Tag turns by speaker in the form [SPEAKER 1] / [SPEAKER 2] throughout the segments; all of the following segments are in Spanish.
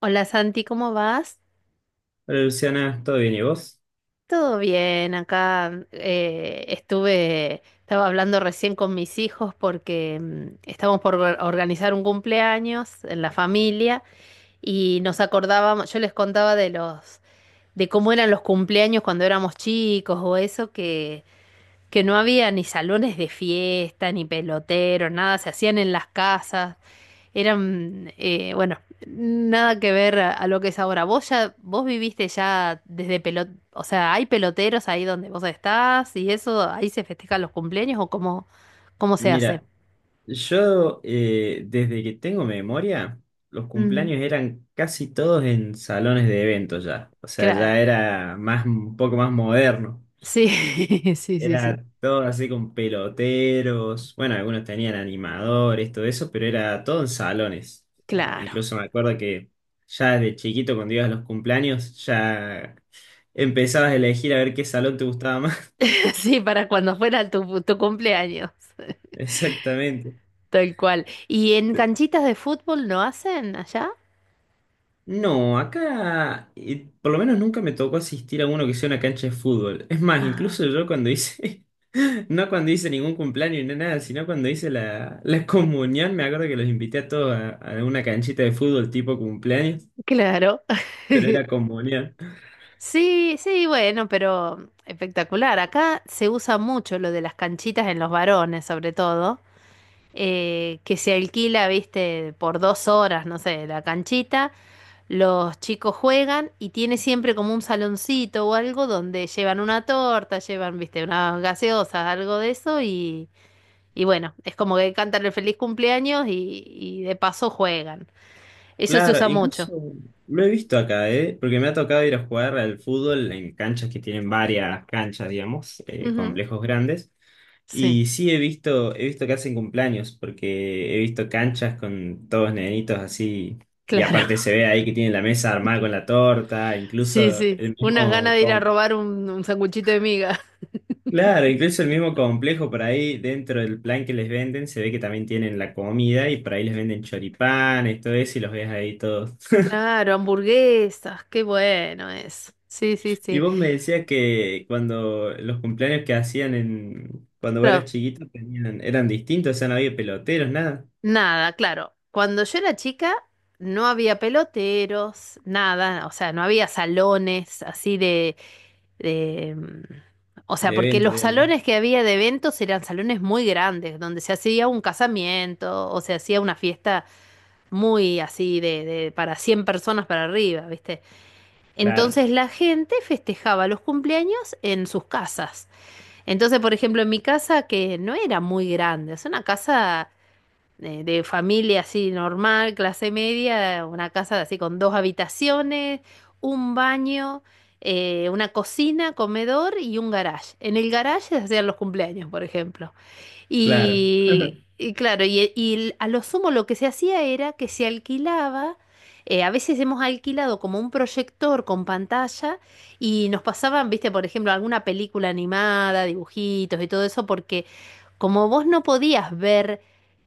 [SPEAKER 1] Hola Santi, ¿cómo vas?
[SPEAKER 2] Hola Luciana, ¿todo bien y vos?
[SPEAKER 1] Todo bien, acá estaba hablando recién con mis hijos porque estamos por organizar un cumpleaños en la familia y nos acordábamos, yo les contaba de los, de cómo eran los cumpleaños cuando éramos chicos o eso, que no había ni salones de fiesta, ni peloteros, nada, se hacían en las casas. Eran, bueno, nada que ver a lo que es ahora. Vos viviste ya desde o sea, ¿hay peloteros ahí donde vos estás y eso, ahí se festejan los cumpleaños o cómo se hace?
[SPEAKER 2] Mira, yo desde que tengo memoria, los
[SPEAKER 1] Mm,
[SPEAKER 2] cumpleaños eran casi todos en salones de eventos ya. O sea, ya
[SPEAKER 1] claro,
[SPEAKER 2] era más, un poco más moderno.
[SPEAKER 1] sí, sí, sí, sí,
[SPEAKER 2] Era todo así con peloteros. Bueno, algunos tenían animadores, todo eso, pero era todo en salones. Ah,
[SPEAKER 1] claro.
[SPEAKER 2] incluso me acuerdo que ya de chiquito, cuando ibas a los cumpleaños, ya empezabas a elegir a ver qué salón te gustaba más.
[SPEAKER 1] Sí, para cuando fuera tu cumpleaños,
[SPEAKER 2] Exactamente.
[SPEAKER 1] tal cual. ¿Y en canchitas de fútbol no hacen allá?
[SPEAKER 2] No, acá por lo menos nunca me tocó asistir a uno que sea una cancha de fútbol. Es más,
[SPEAKER 1] Ah,
[SPEAKER 2] incluso yo cuando hice, no cuando hice ningún cumpleaños ni nada, sino cuando hice la comunión, me acuerdo que los invité a todos a una canchita de fútbol tipo cumpleaños,
[SPEAKER 1] claro.
[SPEAKER 2] pero era comunión.
[SPEAKER 1] Sí, sí, bueno, pero espectacular. Acá se usa mucho lo de las canchitas en los varones, sobre todo, que se alquila, viste, por 2 horas, no sé, la canchita, los chicos juegan y tiene siempre como un saloncito o algo donde llevan una torta, llevan, viste, unas gaseosas, algo de eso y bueno, es como que cantan el feliz cumpleaños y de paso juegan. Eso se
[SPEAKER 2] Claro,
[SPEAKER 1] usa mucho.
[SPEAKER 2] incluso lo he visto acá, ¿eh? Porque me ha tocado ir a jugar al fútbol en canchas que tienen varias canchas, digamos,
[SPEAKER 1] Ujú,
[SPEAKER 2] complejos grandes.
[SPEAKER 1] sí,
[SPEAKER 2] Y sí he visto que hacen cumpleaños, porque he visto canchas con todos nenitos así, y aparte
[SPEAKER 1] claro.
[SPEAKER 2] se ve ahí que tienen la mesa armada con la torta,
[SPEAKER 1] Sí,
[SPEAKER 2] incluso
[SPEAKER 1] sí.
[SPEAKER 2] el
[SPEAKER 1] Unas ganas
[SPEAKER 2] mismo,
[SPEAKER 1] de ir a robar un sanguchito de miga.
[SPEAKER 2] claro, incluso el mismo complejo por ahí dentro del plan que les venden, se ve que también tienen la comida y por ahí les venden choripanes, todo eso, y los ves ahí todos.
[SPEAKER 1] Claro, hamburguesas, qué bueno es. Sí, sí,
[SPEAKER 2] Y
[SPEAKER 1] sí.
[SPEAKER 2] vos me decías que cuando los cumpleaños que hacían en, cuando vos eras
[SPEAKER 1] Pero
[SPEAKER 2] chiquito tenían, eran distintos, o sea, no había peloteros, nada,
[SPEAKER 1] nada, claro. Cuando yo era chica no había peloteros, nada, o sea, no había salones así de, o sea,
[SPEAKER 2] de
[SPEAKER 1] porque
[SPEAKER 2] evento,
[SPEAKER 1] los
[SPEAKER 2] digamos.
[SPEAKER 1] salones que había de eventos eran salones muy grandes, donde se hacía un casamiento o se hacía una fiesta muy así de, para 100 personas para arriba, ¿viste?
[SPEAKER 2] Claro,
[SPEAKER 1] Entonces la gente festejaba los cumpleaños en sus casas. Entonces, por ejemplo, en mi casa, que no era muy grande, es una casa de familia así normal, clase media, una casa así con dos habitaciones, un baño, una cocina, comedor y un garage. En el garage se hacían los cumpleaños, por ejemplo.
[SPEAKER 2] claro.
[SPEAKER 1] Y claro, y a lo sumo lo que se hacía era que se alquilaba, a veces hemos alquilado como un proyector con pantalla y nos pasaban, viste, por ejemplo, alguna película animada, dibujitos y todo eso, porque como vos no podías ver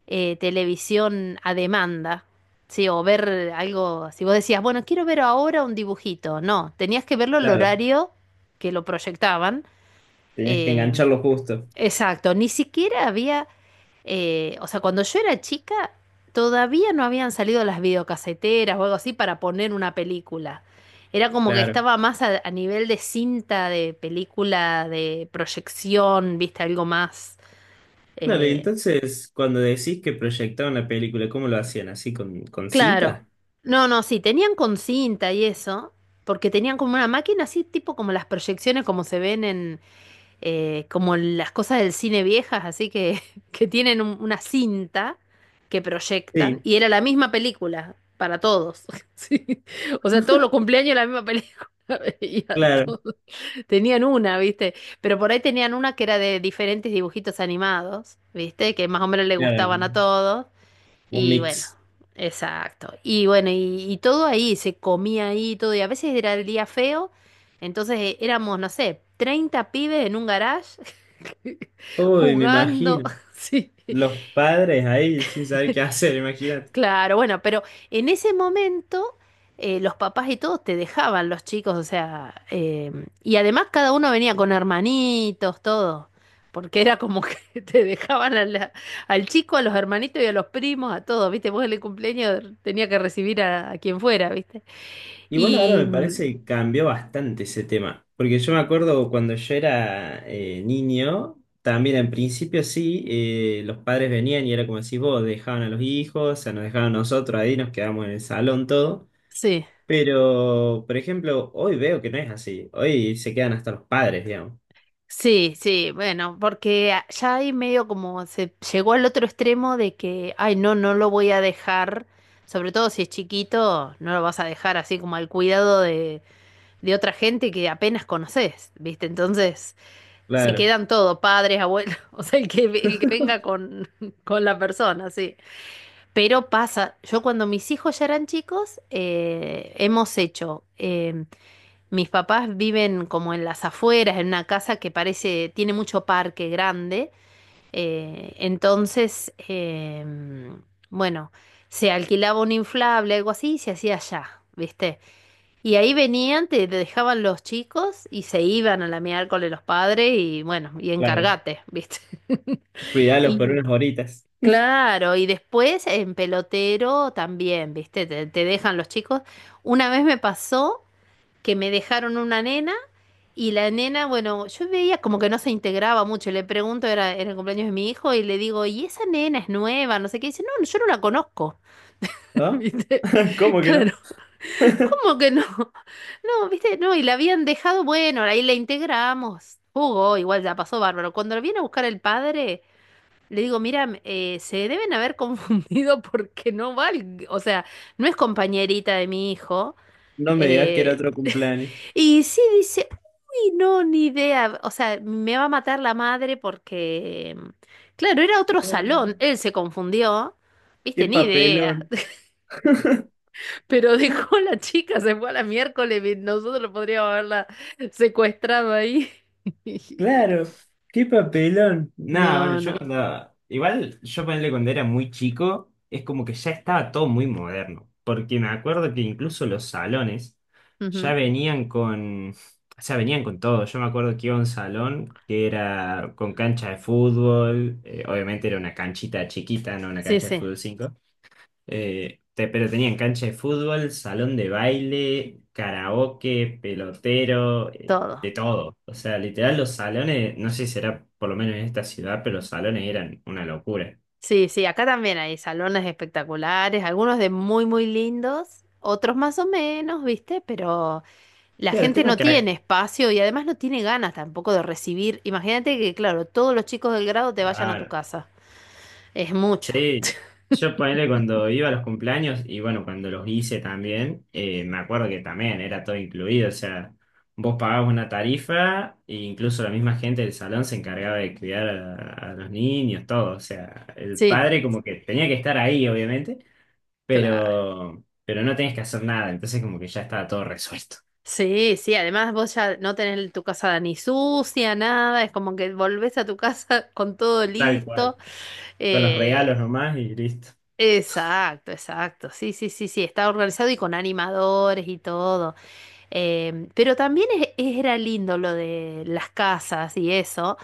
[SPEAKER 1] televisión a demanda, ¿sí? O ver algo, si vos decías, bueno, quiero ver ahora un dibujito, no, tenías que verlo al
[SPEAKER 2] Claro,
[SPEAKER 1] horario que lo proyectaban.
[SPEAKER 2] tenías que
[SPEAKER 1] em,
[SPEAKER 2] engancharlo justo.
[SPEAKER 1] Exacto, ni siquiera había, o sea, cuando yo era chica, todavía no habían salido las videocaseteras o algo así para poner una película. Era como que
[SPEAKER 2] Claro.
[SPEAKER 1] estaba más a nivel de cinta, de película, de proyección, viste, algo más.
[SPEAKER 2] Claro, y
[SPEAKER 1] eh,
[SPEAKER 2] entonces cuando decís que proyectaban la película, ¿cómo lo hacían? ¿Así con
[SPEAKER 1] claro.
[SPEAKER 2] cinta?
[SPEAKER 1] No, no, sí, tenían con cinta y eso, porque tenían como una máquina así, tipo como las proyecciones como se ven en, como las cosas del cine viejas, así que, que tienen una cinta que proyectan,
[SPEAKER 2] Sí,
[SPEAKER 1] y era la misma película para todos. Sí. O sea, todos los cumpleaños la misma película. Veía
[SPEAKER 2] claro,
[SPEAKER 1] todos. Tenían una, ¿viste? Pero por ahí tenían una que era de diferentes dibujitos animados, ¿viste? Que más o menos le gustaban
[SPEAKER 2] claro,
[SPEAKER 1] a todos.
[SPEAKER 2] un
[SPEAKER 1] Y bueno,
[SPEAKER 2] mix.
[SPEAKER 1] exacto. Y bueno, y todo ahí, se comía ahí, y todo. Y a veces era el día feo, entonces éramos, no sé, 30 pibes en un garage
[SPEAKER 2] Uy, me
[SPEAKER 1] jugando,
[SPEAKER 2] imagino.
[SPEAKER 1] sí.
[SPEAKER 2] Los padres ahí sin saber qué hacer, imagínate.
[SPEAKER 1] Claro, bueno, pero en ese momento los papás y todos te dejaban los chicos, o sea, y además cada uno venía con hermanitos, todo, porque era como que te dejaban a al chico, a los hermanitos y a los primos, a todos, ¿viste? Vos en el cumpleaños tenía que recibir a quien fuera, ¿viste?
[SPEAKER 2] Igual ahora
[SPEAKER 1] Y
[SPEAKER 2] me parece que cambió bastante ese tema. Porque yo me acuerdo cuando yo era niño, también en principio sí, los padres venían y era como decís vos, dejaban a los hijos, o sea, nos dejaban a nosotros ahí, nos quedamos en el salón todo.
[SPEAKER 1] sí.
[SPEAKER 2] Pero, por ejemplo, hoy veo que no es así. Hoy se quedan hasta los padres, digamos.
[SPEAKER 1] Sí, sí, bueno, porque ya ahí medio como se llegó al otro extremo de que, ay, no, no lo voy a dejar, sobre todo si es chiquito, no lo vas a dejar así como al cuidado de, otra gente que apenas conoces, ¿viste? Entonces se
[SPEAKER 2] Claro,
[SPEAKER 1] quedan todo, padres, abuelos, o sea, el que venga con, con la persona, sí. Pero pasa, yo cuando mis hijos ya eran chicos, hemos hecho mis papás viven como en las afueras, en una casa que parece, tiene mucho parque grande. Entonces, bueno, se alquilaba un inflable, algo así, y se hacía allá, ¿viste? Y ahí venían, te dejaban los chicos y se iban a la miércoles los padres y bueno, y
[SPEAKER 2] claro.
[SPEAKER 1] encargate, ¿viste?
[SPEAKER 2] Cuidarlos por
[SPEAKER 1] Y
[SPEAKER 2] unas horitas.
[SPEAKER 1] claro, y después en pelotero también, ¿viste? Te dejan los chicos. Una vez me pasó que me dejaron una nena y la nena, bueno, yo veía como que no se integraba mucho. Le pregunto, era en el cumpleaños de mi hijo, y le digo, ¿y esa nena es nueva? No sé qué. Y dice, no, no, yo no la conozco.
[SPEAKER 2] ¿No?
[SPEAKER 1] ¿Viste?
[SPEAKER 2] ¿Cómo que no?
[SPEAKER 1] Claro, ¿cómo que no? No, ¿viste? No, y la habían dejado, bueno, ahí la integramos. Jugó, igual ya pasó bárbaro. Cuando la viene a buscar el padre, le digo, mira, se deben haber confundido porque no va, o sea, no es compañerita de mi hijo.
[SPEAKER 2] No me digas que era
[SPEAKER 1] Eh,
[SPEAKER 2] otro cumpleaños.
[SPEAKER 1] y sí dice, uy, no, ni idea. O sea, me va a matar la madre porque, claro, era otro
[SPEAKER 2] No, no.
[SPEAKER 1] salón. Él se confundió.
[SPEAKER 2] Qué
[SPEAKER 1] Viste, ni idea.
[SPEAKER 2] papelón.
[SPEAKER 1] Pero dejó a la chica, se fue a la miércoles. Y nosotros podríamos haberla secuestrado ahí.
[SPEAKER 2] Claro, qué papelón. Nada, bueno,
[SPEAKER 1] No,
[SPEAKER 2] yo
[SPEAKER 1] no.
[SPEAKER 2] cuando. Igual yo ponerle cuando era muy chico, es como que ya estaba todo muy moderno. Porque me acuerdo que incluso los salones ya
[SPEAKER 1] Ujú.
[SPEAKER 2] venían con. O sea, venían con todo. Yo me acuerdo que iba a un salón que era con cancha de fútbol. Obviamente era una canchita chiquita, no una
[SPEAKER 1] Sí,
[SPEAKER 2] cancha de
[SPEAKER 1] sí,
[SPEAKER 2] fútbol 5. Pero tenían cancha de fútbol, salón de baile, karaoke, pelotero,
[SPEAKER 1] todo.
[SPEAKER 2] de todo. O sea, literal los salones, no sé si será por lo menos en esta ciudad, pero los salones eran una locura.
[SPEAKER 1] Sí, sí, acá también hay salones espectaculares, algunos de muy, muy lindos, otros más o menos, ¿viste? Pero la
[SPEAKER 2] Claro, el
[SPEAKER 1] gente
[SPEAKER 2] tema
[SPEAKER 1] no
[SPEAKER 2] que...
[SPEAKER 1] tiene
[SPEAKER 2] ac-
[SPEAKER 1] espacio y además no tiene ganas tampoco de recibir. Imagínate que, claro, todos los chicos del grado te vayan a tu
[SPEAKER 2] Claro,
[SPEAKER 1] casa. Es mucho.
[SPEAKER 2] sí, yo ponele cuando iba a los cumpleaños y bueno, cuando los hice también, me acuerdo que también era todo incluido, o sea, vos pagabas una tarifa e incluso la misma gente del salón se encargaba de cuidar a los niños, todo, o sea, el
[SPEAKER 1] Sí,
[SPEAKER 2] padre como que tenía que estar ahí, obviamente,
[SPEAKER 1] claro.
[SPEAKER 2] pero no tenías que hacer nada, entonces como que ya estaba todo resuelto,
[SPEAKER 1] Sí, sí. Además vos ya no tenés tu casa ni sucia, nada. Es como que volvés a tu casa con todo
[SPEAKER 2] tal
[SPEAKER 1] listo.
[SPEAKER 2] cual, con los regalos
[SPEAKER 1] Eh,
[SPEAKER 2] nomás y listo.
[SPEAKER 1] exacto, exacto. Sí, sí, sí, sí. Está organizado y con animadores y todo. Pero también era lindo lo de las casas y eso.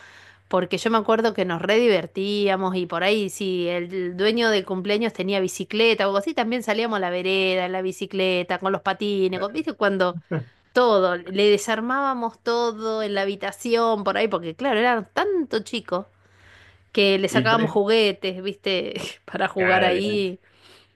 [SPEAKER 1] Porque yo me acuerdo que nos re divertíamos y por ahí, si el dueño del cumpleaños tenía bicicleta o algo así, también salíamos a la vereda, en la bicicleta, con los patines, ¿viste? Cuando todo, le desarmábamos todo en la habitación, por ahí, porque claro, eran tanto chicos que le
[SPEAKER 2] Y
[SPEAKER 1] sacábamos juguetes, ¿viste? Para jugar
[SPEAKER 2] claro, olvidate.
[SPEAKER 1] ahí.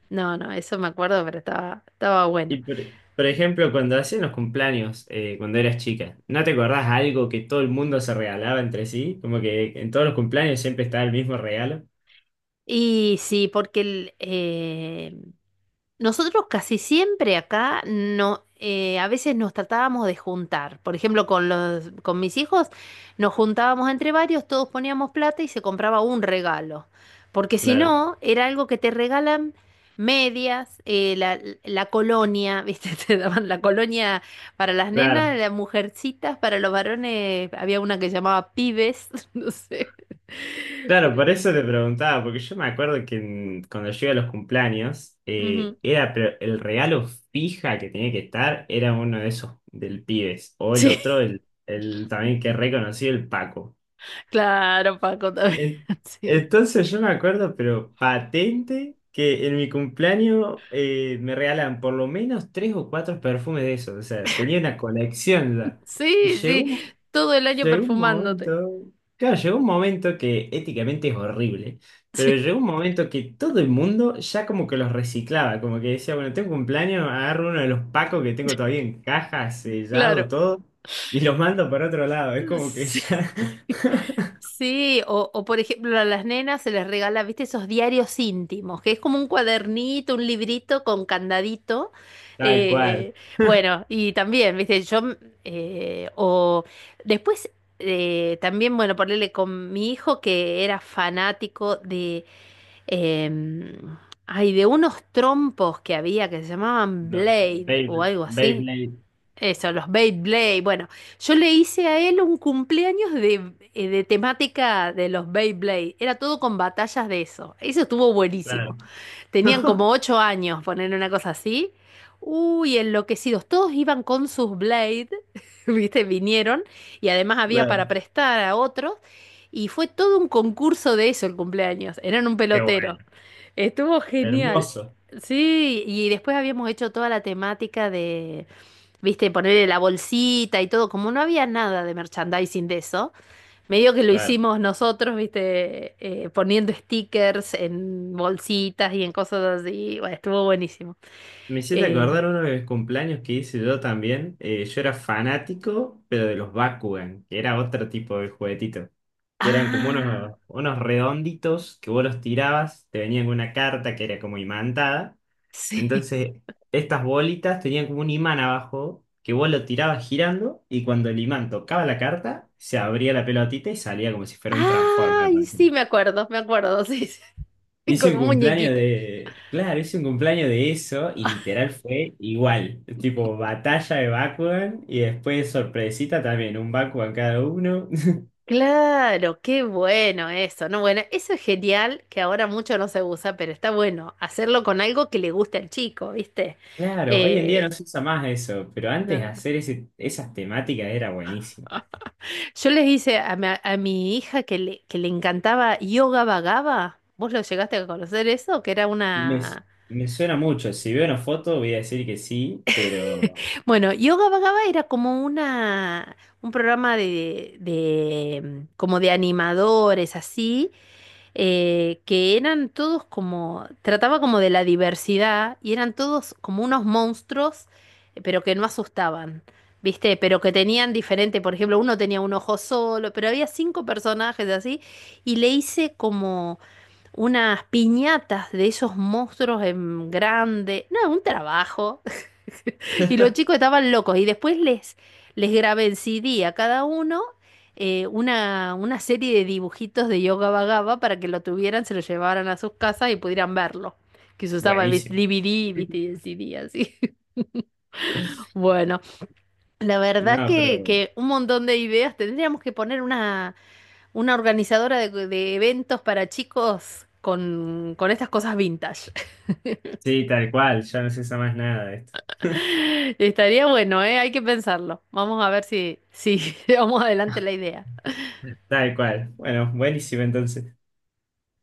[SPEAKER 1] No, no, eso me acuerdo, pero estaba bueno.
[SPEAKER 2] Y por ejemplo, cuando hacían los cumpleaños, cuando eras chica, ¿no te acordás algo que todo el mundo se regalaba entre sí? Como que en todos los cumpleaños siempre estaba el mismo regalo.
[SPEAKER 1] Y sí, porque nosotros casi siempre acá no, a veces nos tratábamos de juntar. Por ejemplo, con mis hijos nos juntábamos entre varios, todos poníamos plata y se compraba un regalo. Porque si
[SPEAKER 2] Claro,
[SPEAKER 1] no, era algo que te regalan medias, la colonia, ¿viste? Te daban la colonia para las
[SPEAKER 2] claro,
[SPEAKER 1] nenas, las mujercitas, para los varones, había una que llamaba pibes, no sé.
[SPEAKER 2] claro,
[SPEAKER 1] Pero,
[SPEAKER 2] por eso te preguntaba, porque yo me acuerdo que cuando yo iba a los cumpleaños,
[SPEAKER 1] ujú.
[SPEAKER 2] era pero el regalo fija que tenía que estar, era uno de esos del Pibes, o el
[SPEAKER 1] Sí,
[SPEAKER 2] otro, el también que es reconocido, el Paco.
[SPEAKER 1] claro, Paco también.
[SPEAKER 2] En-
[SPEAKER 1] Sí.
[SPEAKER 2] Entonces yo me acuerdo, pero patente, que en mi cumpleaños me regalan por lo menos tres o cuatro perfumes de esos. O sea, tenía una colección ya. Y
[SPEAKER 1] Sí, sí, todo el año
[SPEAKER 2] llegó un
[SPEAKER 1] perfumándote.
[SPEAKER 2] momento, claro, llegó un momento que éticamente es horrible, pero
[SPEAKER 1] Sí,
[SPEAKER 2] llegó un momento que todo el mundo ya como que los reciclaba, como que decía, bueno, tengo cumpleaños, agarro uno de los pacos que tengo todavía en caja, sellado,
[SPEAKER 1] claro.
[SPEAKER 2] todo, y los mando para otro lado. Es como que
[SPEAKER 1] Sí.
[SPEAKER 2] ya,
[SPEAKER 1] Sí, o por ejemplo a las nenas se les regala, viste, esos diarios íntimos, que es como un cuadernito, un librito con candadito.
[SPEAKER 2] tal cual.
[SPEAKER 1] eh, bueno, y también, viste, yo, o después, también, bueno, ponerle con mi hijo que era fanático Eh, de unos trompos que había que se llamaban
[SPEAKER 2] Los
[SPEAKER 1] Blade o
[SPEAKER 2] Beyblade,
[SPEAKER 1] algo así.
[SPEAKER 2] Beyblade,
[SPEAKER 1] Eso, los Beyblade. Bueno, yo le hice a él un cumpleaños de temática de los Beyblade. Era todo con batallas de eso. Eso estuvo
[SPEAKER 2] claro.
[SPEAKER 1] buenísimo. Tenían como 8 años, poner una cosa así. Uy, enloquecidos. Todos iban con sus Blade, ¿viste? Vinieron y además había para
[SPEAKER 2] Claro.
[SPEAKER 1] prestar a otros. Y fue todo un concurso de eso el cumpleaños. Eran un
[SPEAKER 2] Qué
[SPEAKER 1] pelotero.
[SPEAKER 2] bueno.
[SPEAKER 1] Estuvo genial.
[SPEAKER 2] Hermoso.
[SPEAKER 1] Sí, y después habíamos hecho toda la temática de, viste, ponerle la bolsita y todo. Como no había nada de merchandising de eso, medio que lo
[SPEAKER 2] Claro.
[SPEAKER 1] hicimos nosotros, viste, poniendo stickers en bolsitas y en cosas así. Bueno, estuvo buenísimo.
[SPEAKER 2] Me hiciste
[SPEAKER 1] Eh,
[SPEAKER 2] acordar uno de mis cumpleaños que hice yo también. Yo era fanático, pero de los Bakugan, que era otro tipo de juguetito. Que eran como
[SPEAKER 1] ah,
[SPEAKER 2] unos redonditos que vos los tirabas, te venían con una carta que era como imantada.
[SPEAKER 1] sí.
[SPEAKER 2] Entonces, estas bolitas tenían como un imán abajo, que vos lo tirabas girando, y cuando el imán tocaba la carta, se abría la pelotita y salía como si fuera un Transformer.
[SPEAKER 1] Ay, sí, me acuerdo, sí, sí.
[SPEAKER 2] Hice
[SPEAKER 1] Con
[SPEAKER 2] un
[SPEAKER 1] un
[SPEAKER 2] cumpleaños
[SPEAKER 1] muñequito.
[SPEAKER 2] de. Claro, hice un cumpleaños de eso y literal fue igual. Tipo, batalla de Bakugan y después sorpresita también, un Bakugan cada uno.
[SPEAKER 1] Claro, qué bueno eso, ¿no? Bueno, eso es genial, que ahora mucho no se usa, pero está bueno hacerlo con algo que le guste al chico, ¿viste?
[SPEAKER 2] Claro, hoy en día no
[SPEAKER 1] Eh,
[SPEAKER 2] se usa más eso, pero antes
[SPEAKER 1] no.
[SPEAKER 2] hacer esas temáticas era buenísimo.
[SPEAKER 1] Yo les hice a mi, hija que le encantaba Yoga Vagaba. ¿Vos lo llegaste a conocer eso? Que era
[SPEAKER 2] Me,
[SPEAKER 1] una,
[SPEAKER 2] me suena mucho. Si veo una foto voy a decir que sí, pero
[SPEAKER 1] bueno, Yoga Vagaba era como una, un programa de, como de animadores, así, que eran todos como, trataba como de la diversidad y eran todos como unos monstruos, pero que no asustaban, ¿viste? Pero que tenían diferente, por ejemplo, uno tenía un ojo solo, pero había cinco personajes así y le hice como unas piñatas de esos monstruos en grande, no, un trabajo. Y los chicos estaban locos. Y después les grabé en CD a cada uno una serie de dibujitos de Yoga Vagaba para que lo tuvieran, se lo llevaran a sus casas y pudieran verlo. Que se usaba el
[SPEAKER 2] buenísimo.
[SPEAKER 1] DVD, viste, y el CD así. Bueno, la verdad
[SPEAKER 2] No,
[SPEAKER 1] que,
[SPEAKER 2] pero
[SPEAKER 1] un montón de ideas. Tendríamos que poner una organizadora de eventos para chicos con estas cosas vintage.
[SPEAKER 2] sí, tal cual, ya no se usa más nada de esto.
[SPEAKER 1] Estaría bueno, ¿eh? Hay que pensarlo. Vamos a ver si llevamos adelante la idea.
[SPEAKER 2] Tal cual. Bueno, buenísimo entonces.